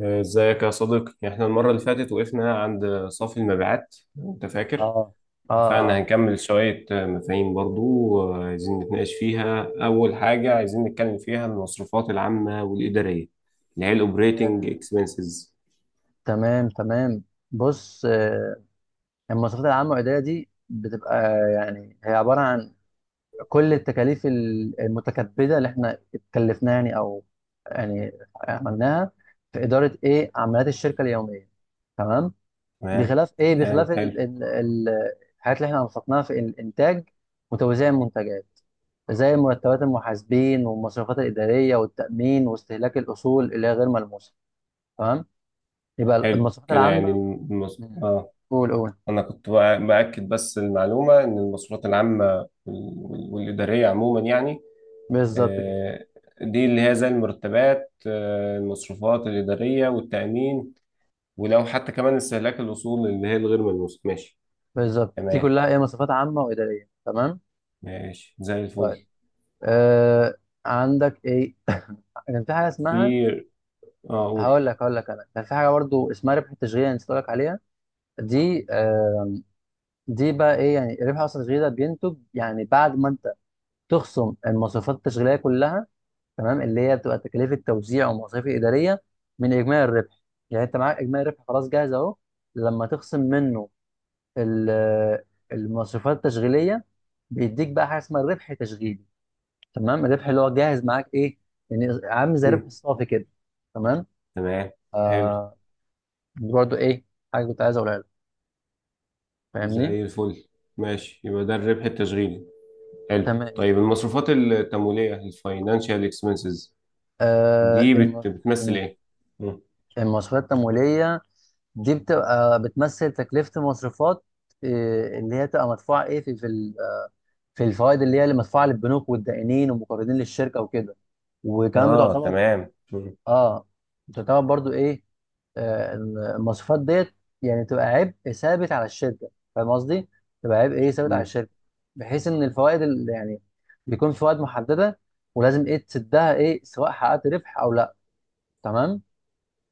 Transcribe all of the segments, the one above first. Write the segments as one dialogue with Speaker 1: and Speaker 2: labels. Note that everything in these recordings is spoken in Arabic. Speaker 1: ازيك يا صديقي؟ احنا المرة اللي
Speaker 2: اه،
Speaker 1: فاتت وقفنا عند صافي المبيعات، انت فاكر؟
Speaker 2: اه، اه،
Speaker 1: اتفقنا
Speaker 2: آه،
Speaker 1: هنكمل شوية مفاهيم برضو، عايزين نتناقش فيها. اول حاجة عايزين نتكلم فيها المصروفات العامة والإدارية، اللي هي الاوبريتنج
Speaker 2: آه،
Speaker 1: اكسبنسز.
Speaker 2: تمام، تمام. بص، المواصفات العامة والإدارية دي بتبقى يعني هي عبارة عن كل التكاليف المتكبدة اللي احنا اتكلفناها، يعني، أو يعني عملناها في إدارة إيه عمليات الشركة اليومية. تمام.
Speaker 1: تمام،
Speaker 2: بخلاف
Speaker 1: تمام، حلو.
Speaker 2: الحاجات اللي احنا أنفقناها في الإنتاج وتوزيع المنتجات، زي مرتبات المحاسبين والمصروفات الإدارية والتأمين واستهلاك الأصول اللي هي غير ملموسة. تمام، يبقى
Speaker 1: حلو
Speaker 2: المواصفات
Speaker 1: كده، يعني
Speaker 2: العامه.
Speaker 1: المص...
Speaker 2: مم.
Speaker 1: اه
Speaker 2: قول، قول.
Speaker 1: انا كنت بأكد بس المعلومة ان المصروفات العامة والإدارية عموما يعني.
Speaker 2: بالظبط كده.
Speaker 1: آه، دي اللي هي زي المرتبات، المصروفات الإدارية والتأمين. ولو حتى كمان استهلاك الأصول اللي هي الغير ملموسة، ماشي.
Speaker 2: بالظبط، دي
Speaker 1: تمام،
Speaker 2: كلها ايه؟ مواصفات عامه واداريه. تمام.
Speaker 1: ماشي زي الفل.
Speaker 2: طيب، آه، عندك ايه؟ كان في حاجه اسمها،
Speaker 1: في، اه قول.
Speaker 2: هقول لك انا كان في حاجه برضو اسمها ربح التشغيل، انا نسيت اقول لك عليها. دي آه، دي بقى ايه يعني؟ ربح اصلا التشغيل ده بينتج يعني بعد ما انت تخصم المواصفات التشغيليه كلها، تمام، اللي هي بتبقى تكاليف التوزيع والمصاريف الاداريه، من اجمالي الربح. يعني انت معاك اجمالي الربح خلاص جاهز اهو، لما تخصم منه ال- المصروفات التشغيليه، بيديك بقى حاجه اسمها الربح التشغيلي. تمام، الربح اللي هو جاهز معاك ايه، يعني عامل زي الربح
Speaker 1: مم.
Speaker 2: الصافي كده. تمام،
Speaker 1: تمام، حلو
Speaker 2: دي برضو ايه، حاجه كنت عايز اقولها لك. فاهمني؟
Speaker 1: زي الفل. ماشي، يبقى ده الربح التشغيلي. حلو.
Speaker 2: تمام.
Speaker 1: طيب، المصروفات التمويلية، الفاينانشال اكسبنسز،
Speaker 2: آه
Speaker 1: دي
Speaker 2: الم...
Speaker 1: بتمثل
Speaker 2: مم.
Speaker 1: ايه؟ مم.
Speaker 2: المصروفات التمويليه دي بتبقى بتمثل تكلفه المصروفات، إيه اللي هي تبقى مدفوعه ايه في في الفوائد، اللي هي اللي مدفوعه للبنوك والدائنين والمقرضين للشركه وكده. وكمان
Speaker 1: اه،
Speaker 2: بتعتبر،
Speaker 1: تمام. مم.
Speaker 2: اه، بتعتبر برضو ايه، آه، المواصفات ديت يعني تبقى عبء ثابت على الشركه، فاهم قصدي؟ تبقى عبء ايه ثابت على
Speaker 1: مم.
Speaker 2: الشركه، بحيث ان الفوائد اللي يعني بيكون في فوائد محدده، ولازم ايه تسدها ايه سواء حققت ربح او لا، تمام؟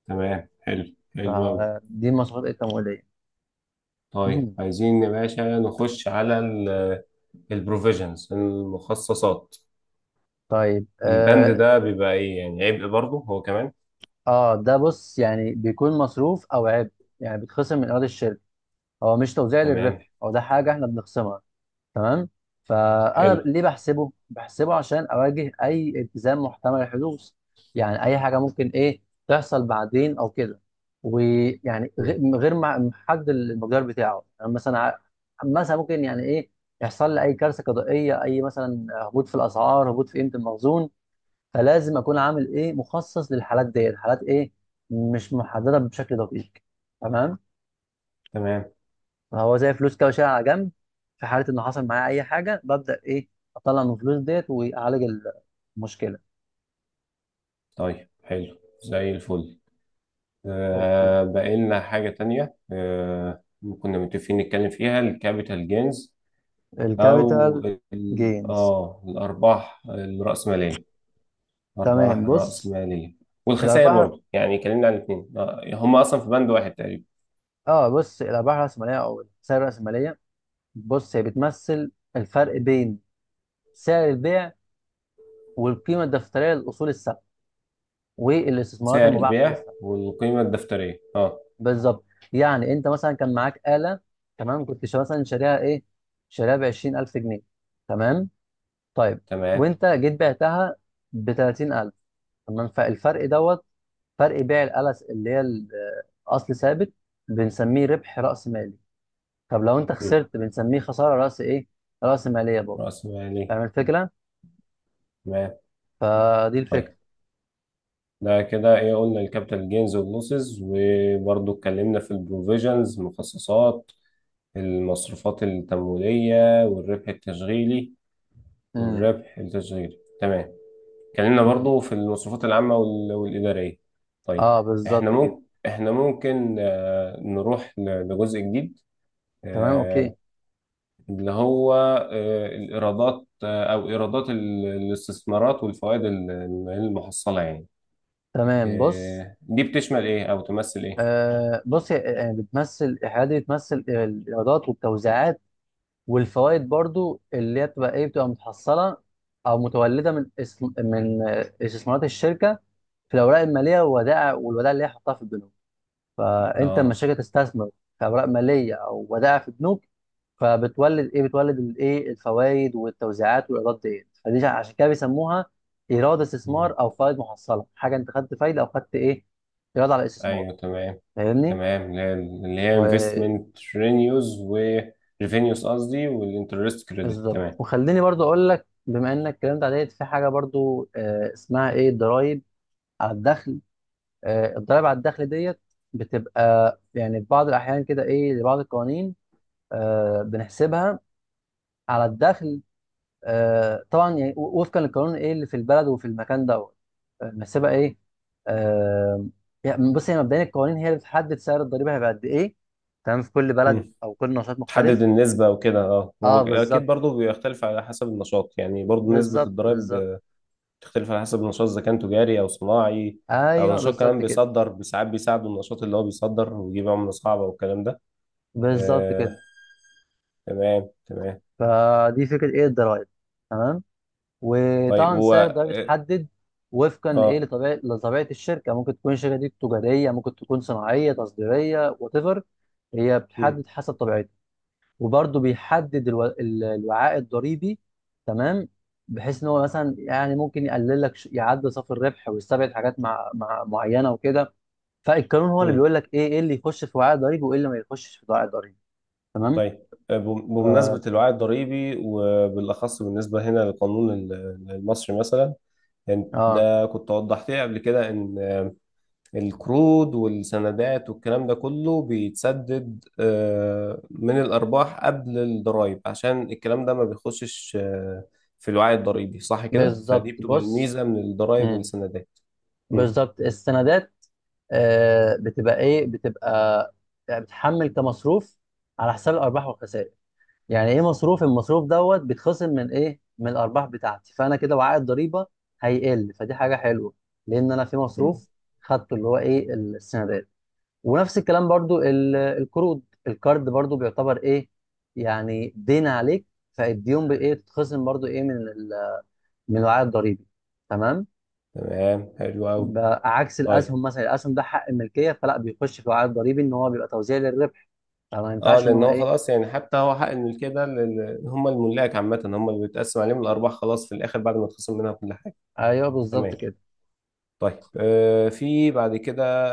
Speaker 1: تمام، حلو حلو أوي.
Speaker 2: فدي المواصفات ايه التمويليه.
Speaker 1: طيب، عايزين يا باشا نخش على البروفيجنز، المخصصات.
Speaker 2: طيب،
Speaker 1: البند
Speaker 2: اه،
Speaker 1: ده بيبقى ايه، يعني عبء برضه هو كمان؟
Speaker 2: ده بص، يعني بيكون مصروف او عبء، يعني بيتخصم من ايراد الشركه، هو مش توزيع
Speaker 1: تمام،
Speaker 2: للربح، هو ده حاجه احنا بنخصمها. تمام. فانا
Speaker 1: حلو.
Speaker 2: ليه بحسبه عشان اواجه اي التزام محتمل الحدوث. يعني اي حاجه ممكن ايه تحصل بعدين او كده، ويعني
Speaker 1: مم.
Speaker 2: غ- غير مع- محدد المقدار بتاعه، يعني مثلا مثلا ممكن يعني ايه يحصل لي اي كارثه قضائيه، اي مثلا هبوط في الاسعار، هبوط في قيمه المخزون، فلازم اكون عامل ايه مخصص للحالات ديت، حالات ايه مش محدده بشكل دقيق. تمام.
Speaker 1: تمام.
Speaker 2: هو زي فلوس كده وشيلها على جنب، في حاله انه حصل معايا اي حاجه ببدا ايه اطلع من الفلوس ديت واعالج المشكله.
Speaker 1: طيب، حلو زي الفل.
Speaker 2: اوكي،
Speaker 1: بقى لنا حاجة تانية. كنا متفقين نتكلم فيها الكابيتال جينز، او
Speaker 2: الكابيتال جينز.
Speaker 1: الارباح الرأسمالية. ارباح
Speaker 2: تمام، بص،
Speaker 1: الرأسمالية والخسائر
Speaker 2: الارباح،
Speaker 1: برضه، يعني اتكلمنا عن الاثنين. هم اصلا في بند واحد تقريبا.
Speaker 2: اه بص، الارباح الراسماليه او الخسائر الراسماليه، بص هي بتمثل الفرق بين سعر البيع والقيمه الدفتريه للاصول الثابته والاستثمارات
Speaker 1: سعر
Speaker 2: المباحه خلال
Speaker 1: البيع
Speaker 2: السنه.
Speaker 1: والقيمة الدفترية، اه.
Speaker 2: بالظبط. يعني انت مثلا كان معاك آلة، تمام، كنت شا- مثلا شاريها ايه، شاريها ب 20000 جنيه، تمام، طيب،
Speaker 1: تمام.
Speaker 2: وانت جيت بعتها ب 30000، تمام. فالفرق دوت، فرق بيع الألس اللي هي أصل ثابت، بنسميه ربح رأس مالي. طب لو انت
Speaker 1: مم.
Speaker 2: خسرت بنسميه خسارة رأس ايه، رأس مالية برضه.
Speaker 1: رأس مالي.
Speaker 2: فاهم الفكرة؟
Speaker 1: تمام.
Speaker 2: فدي الفكرة.
Speaker 1: طيب. ده كده ايه، قلنا الكابيتال جينز واللوسز، وبرضه اتكلمنا في البروفيجنز، مخصصات، المصروفات التمويلية، والربح التشغيلي.
Speaker 2: امم.
Speaker 1: والربح التشغيلي، تمام. اتكلمنا
Speaker 2: مم.
Speaker 1: برضه في المصروفات العامة والإدارية. طيب،
Speaker 2: اه
Speaker 1: احنا
Speaker 2: بالظبط كده.
Speaker 1: ممكن احنا ممكن نروح لجزء جديد
Speaker 2: تمام، اوكي.
Speaker 1: آه، اللي هو الإيرادات، أو إيرادات الاستثمارات، والفوائد المحصلة يعني.
Speaker 2: تمام بص،
Speaker 1: دي بتشمل إيه أو تمثل إيه؟
Speaker 2: آه بص، يعني بتمثل، الحاجات دي بتمثل الايرادات والتوزيعات والفوائد برضو، اللي هي بتبقى ايه، بتبقى متحصله او متولده من استثمارات الشركه في الاوراق الماليه والودائع، اللي هي حطها في البنوك. فانت لما
Speaker 1: آه.
Speaker 2: الشركه تستثمر في اوراق ماليه او ودائع في بنوك، فبتولد ايه، بتولد الايه، الفوائد والتوزيعات والايرادات ديت. عشان كده بيسموها ايراد
Speaker 1: مم.
Speaker 2: استثمار او فوائد محصله، حاجه انت خدت فايده او خدت ايه، ايراد على الاستثمار.
Speaker 1: أيوه، تمام. تمام، اللي هي
Speaker 2: فاهمني؟
Speaker 1: investment revenues و revenues، قصدي والinterest credit.
Speaker 2: بالظبط.
Speaker 1: تمام.
Speaker 2: وخليني برضو اقول لك، بما انك الكلام ده عليت، في حاجه برضو اسمها ايه الضرايب على الدخل. الضرايب على الدخل ديت بتبقى يعني في بعض الاحيان كده ايه لبعض القوانين بنحسبها على الدخل. طبعا يعني وفقا للقانون ايه اللي في البلد وفي المكان دوت، بنحسبها ايه، آه، يعني بص هي مبدئيا القوانين هي اللي بتحدد سعر الضريبه هيبقى قد ايه، تمام، في كل بلد
Speaker 1: مم.
Speaker 2: او كل نشاط
Speaker 1: تحدد
Speaker 2: مختلف.
Speaker 1: النسبة وكده. اه هو
Speaker 2: اه
Speaker 1: أكيد
Speaker 2: بالظبط،
Speaker 1: برضه بيختلف على حسب النشاط، يعني برضه نسبة
Speaker 2: بالظبط، بالظبط.
Speaker 1: الضرايب تختلف على حسب النشاط، اذا كان تجاري او صناعي. او
Speaker 2: ايوه
Speaker 1: نشاط كمان
Speaker 2: بالظبط كده،
Speaker 1: بيصدر، ساعات بيساعده النشاط اللي هو بيصدر ويجيب عملة صعبة والكلام ده.
Speaker 2: بالظبط
Speaker 1: آه،
Speaker 2: كده.
Speaker 1: تمام تمام.
Speaker 2: فدي فكره ايه الضرايب، تمام.
Speaker 1: طيب.
Speaker 2: وطبعا
Speaker 1: هو
Speaker 2: سعر الضرايب
Speaker 1: اه
Speaker 2: بيتحدد وفقا لايه،
Speaker 1: آه،
Speaker 2: لطبيعه الشركه. ممكن تكون الشركه دي تجاريه، ممكن تكون صناعيه، تصديريه، وات ايفر، هي
Speaker 1: مم.
Speaker 2: بتحدد حسب طبيعتها. وبرده بيحدد الوعاء الضريبي. تمام، بحيث ان هو مثلا يعني ممكن يقلل لك يعدل صافي الربح ويستبعد حاجات مع... مع معينه وكده، فالقانون هو اللي
Speaker 1: مم.
Speaker 2: بيقول لك ايه ايه اللي يخش في وعاء ضريبي وايه اللي ما يخشش في وعاء ضريبي. تمام.
Speaker 1: طيب،
Speaker 2: ف...
Speaker 1: بمناسبة الوعي الضريبي، وبالأخص بالنسبة هنا للقانون المصري مثلا. يعني
Speaker 2: اه
Speaker 1: ده كنت وضحت لي قبل كده إن القروض والسندات والكلام ده كله بيتسدد من الأرباح قبل الضرائب، عشان الكلام ده ما بيخشش في الوعي الضريبي، صح كده؟ فدي
Speaker 2: بالظبط،
Speaker 1: بتبقى
Speaker 2: بص،
Speaker 1: الميزة من الضرائب
Speaker 2: مم.
Speaker 1: والسندات. مم.
Speaker 2: بالظبط، السندات بتبقى ايه، بتبقى يعني بتحمل كمصروف على حساب الارباح والخسائر، يعني ايه مصروف، المصروف دوت بيتخصم من ايه، من الارباح بتاعتي، فانا كده وعاء الضريبه هيقل، فدي حاجه حلوه، لان انا في
Speaker 1: مم.
Speaker 2: مصروف خدته اللي هو ايه السندات. ونفس الكلام برضو القروض، القرض برضو بيعتبر ايه، يعني دين عليك، فالديون بايه تتخصم برضو ايه من من الوعاء الضريبي. تمام.
Speaker 1: تمام حلو أوي.
Speaker 2: بقى عكس
Speaker 1: طيب.
Speaker 2: الاسهم مثلا، الاسهم ده حق الملكيه فلا بيخش في وعاء ضريبي، ان هو بيبقى توزيع للربح، فما
Speaker 1: اه،
Speaker 2: ينفعش ان
Speaker 1: لان
Speaker 2: هو
Speaker 1: هو
Speaker 2: ايه.
Speaker 1: خلاص، يعني حتى هو حق الملكيه ده هم الملاك عامه، هم اللي بيتقسم عليهم الارباح خلاص في الاخر، بعد ما تخصم منها كل حاجه.
Speaker 2: ايوه بالظبط
Speaker 1: تمام.
Speaker 2: كده.
Speaker 1: طيب، في بعد كده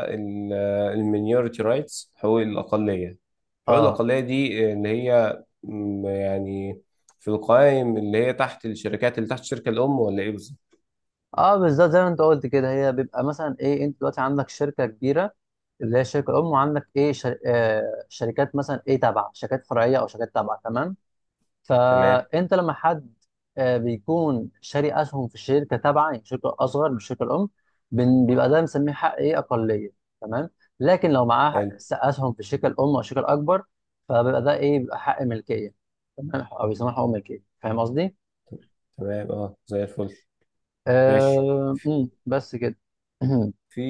Speaker 1: المينيورتي رايتس، حقوق الأقلية حقوق
Speaker 2: اه،
Speaker 1: الأقلية دي اللي هي يعني في القوائم اللي هي تحت الشركات، اللي تحت الشركة الأم، ولا إيه بالظبط؟
Speaker 2: اه بالظبط زي ما انت قلت كده، هي بيبقى مثلا ايه، انت دلوقتي عندك شركه كبيره اللي هي الشركه الام، وعندك ايه شر... آه شركات مثلا ايه تابعه، شركات فرعيه او شركات تابعه، تمام.
Speaker 1: تمام.
Speaker 2: فانت لما حد بيكون شاري اسهم في الشركه تابعه، يعني شركه اصغر من الشركه الام، بيبقى ده بنسميه حق ايه اقليه، تمام. لكن لو معاه
Speaker 1: حلو.
Speaker 2: اسهم في الشركه الام او الشركه الاكبر، فبيبقى ده ايه، بيبقى حق ملكيه، تمام، او بيسموه حق ملكيه. فاهم قصدي؟
Speaker 1: تمام، أه، زي الفل. ماشي.
Speaker 2: آه... أمم، بس كده.
Speaker 1: في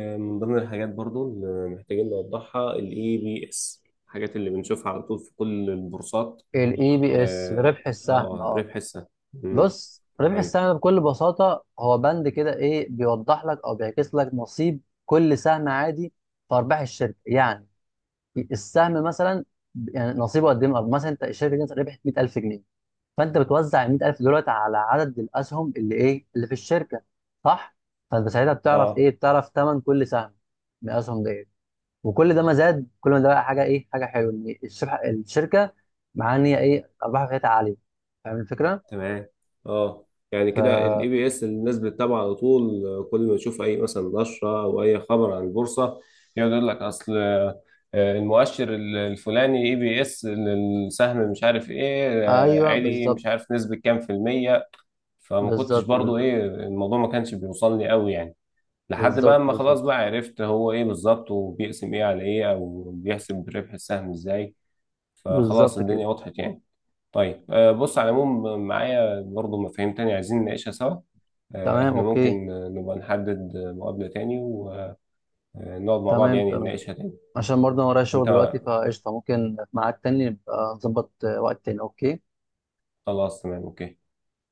Speaker 1: من ضمن الحاجات برضو اللي محتاجين نوضحها ال EBS، الحاجات اللي بنشوفها على طول في كل البورصات.
Speaker 2: الاي بي اس
Speaker 1: أه.
Speaker 2: ربح السهم، اه.
Speaker 1: ربح السهم. مم.
Speaker 2: بص، ربح
Speaker 1: طيب.
Speaker 2: السهم بكل بساطة هو بند كده ايه بيوضح لك او بيعكس لك نصيب كل سهم عادي في ارباح الشركة. يعني السهم مثلا يعني نصيبه قد ايه من الأرباح. مثلا انت الشركة دي ربحت 100000 جنيه، فانت بتوزع ال 100000 دولت على عدد الاسهم اللي ايه اللي في الشركة، صح؟ فانت ساعتها بتعرف
Speaker 1: أه،
Speaker 2: ايه، بتعرف ثمن كل سهم من الاسهم ديت، وكل ده ما زاد كل ما ده بقى حاجة ايه، حاجة حلوة، ان الشركة مع ان هي ايه ارباحها كانت عالية. فاهم الفكرة؟
Speaker 1: تمام. اه، يعني
Speaker 2: ف...
Speaker 1: كده الاي بي اس الناس بتتابعه على طول، كل ما تشوف اي مثلا نشره او اي خبر عن البورصه، يقعد يقول لك اصل المؤشر الفلاني اي بي اس السهم مش عارف ايه،
Speaker 2: ايوه
Speaker 1: عالي،
Speaker 2: بالظبط،
Speaker 1: مش عارف نسبه كام في الميه. فما كنتش
Speaker 2: بالظبط،
Speaker 1: برضو،
Speaker 2: بالظبط،
Speaker 1: ايه، الموضوع ما كانش بيوصلني قوي يعني. لحد بقى
Speaker 2: بالظبط،
Speaker 1: اما خلاص
Speaker 2: بالظبط،
Speaker 1: بقى عرفت هو ايه بالظبط، وبيقسم ايه على ايه، او بيحسب ربح السهم ازاي. فخلاص
Speaker 2: بالظبط كده.
Speaker 1: الدنيا وضحت يعني. طيب، بص على العموم معايا برضو مفاهيم تانية عايزين نناقشها سوا.
Speaker 2: تمام،
Speaker 1: احنا
Speaker 2: اوكي.
Speaker 1: ممكن نبقى نحدد مقابلة تاني ونقعد مع بعض،
Speaker 2: تمام،
Speaker 1: يعني
Speaker 2: تمام،
Speaker 1: نناقشها تاني.
Speaker 2: عشان برضه انا ورايا شغل
Speaker 1: انت
Speaker 2: دلوقتي فقشطه، ممكن في ميعاد تاني نبقى نظبط وقت تاني. اوكي.
Speaker 1: خلاص. تمام اوكي.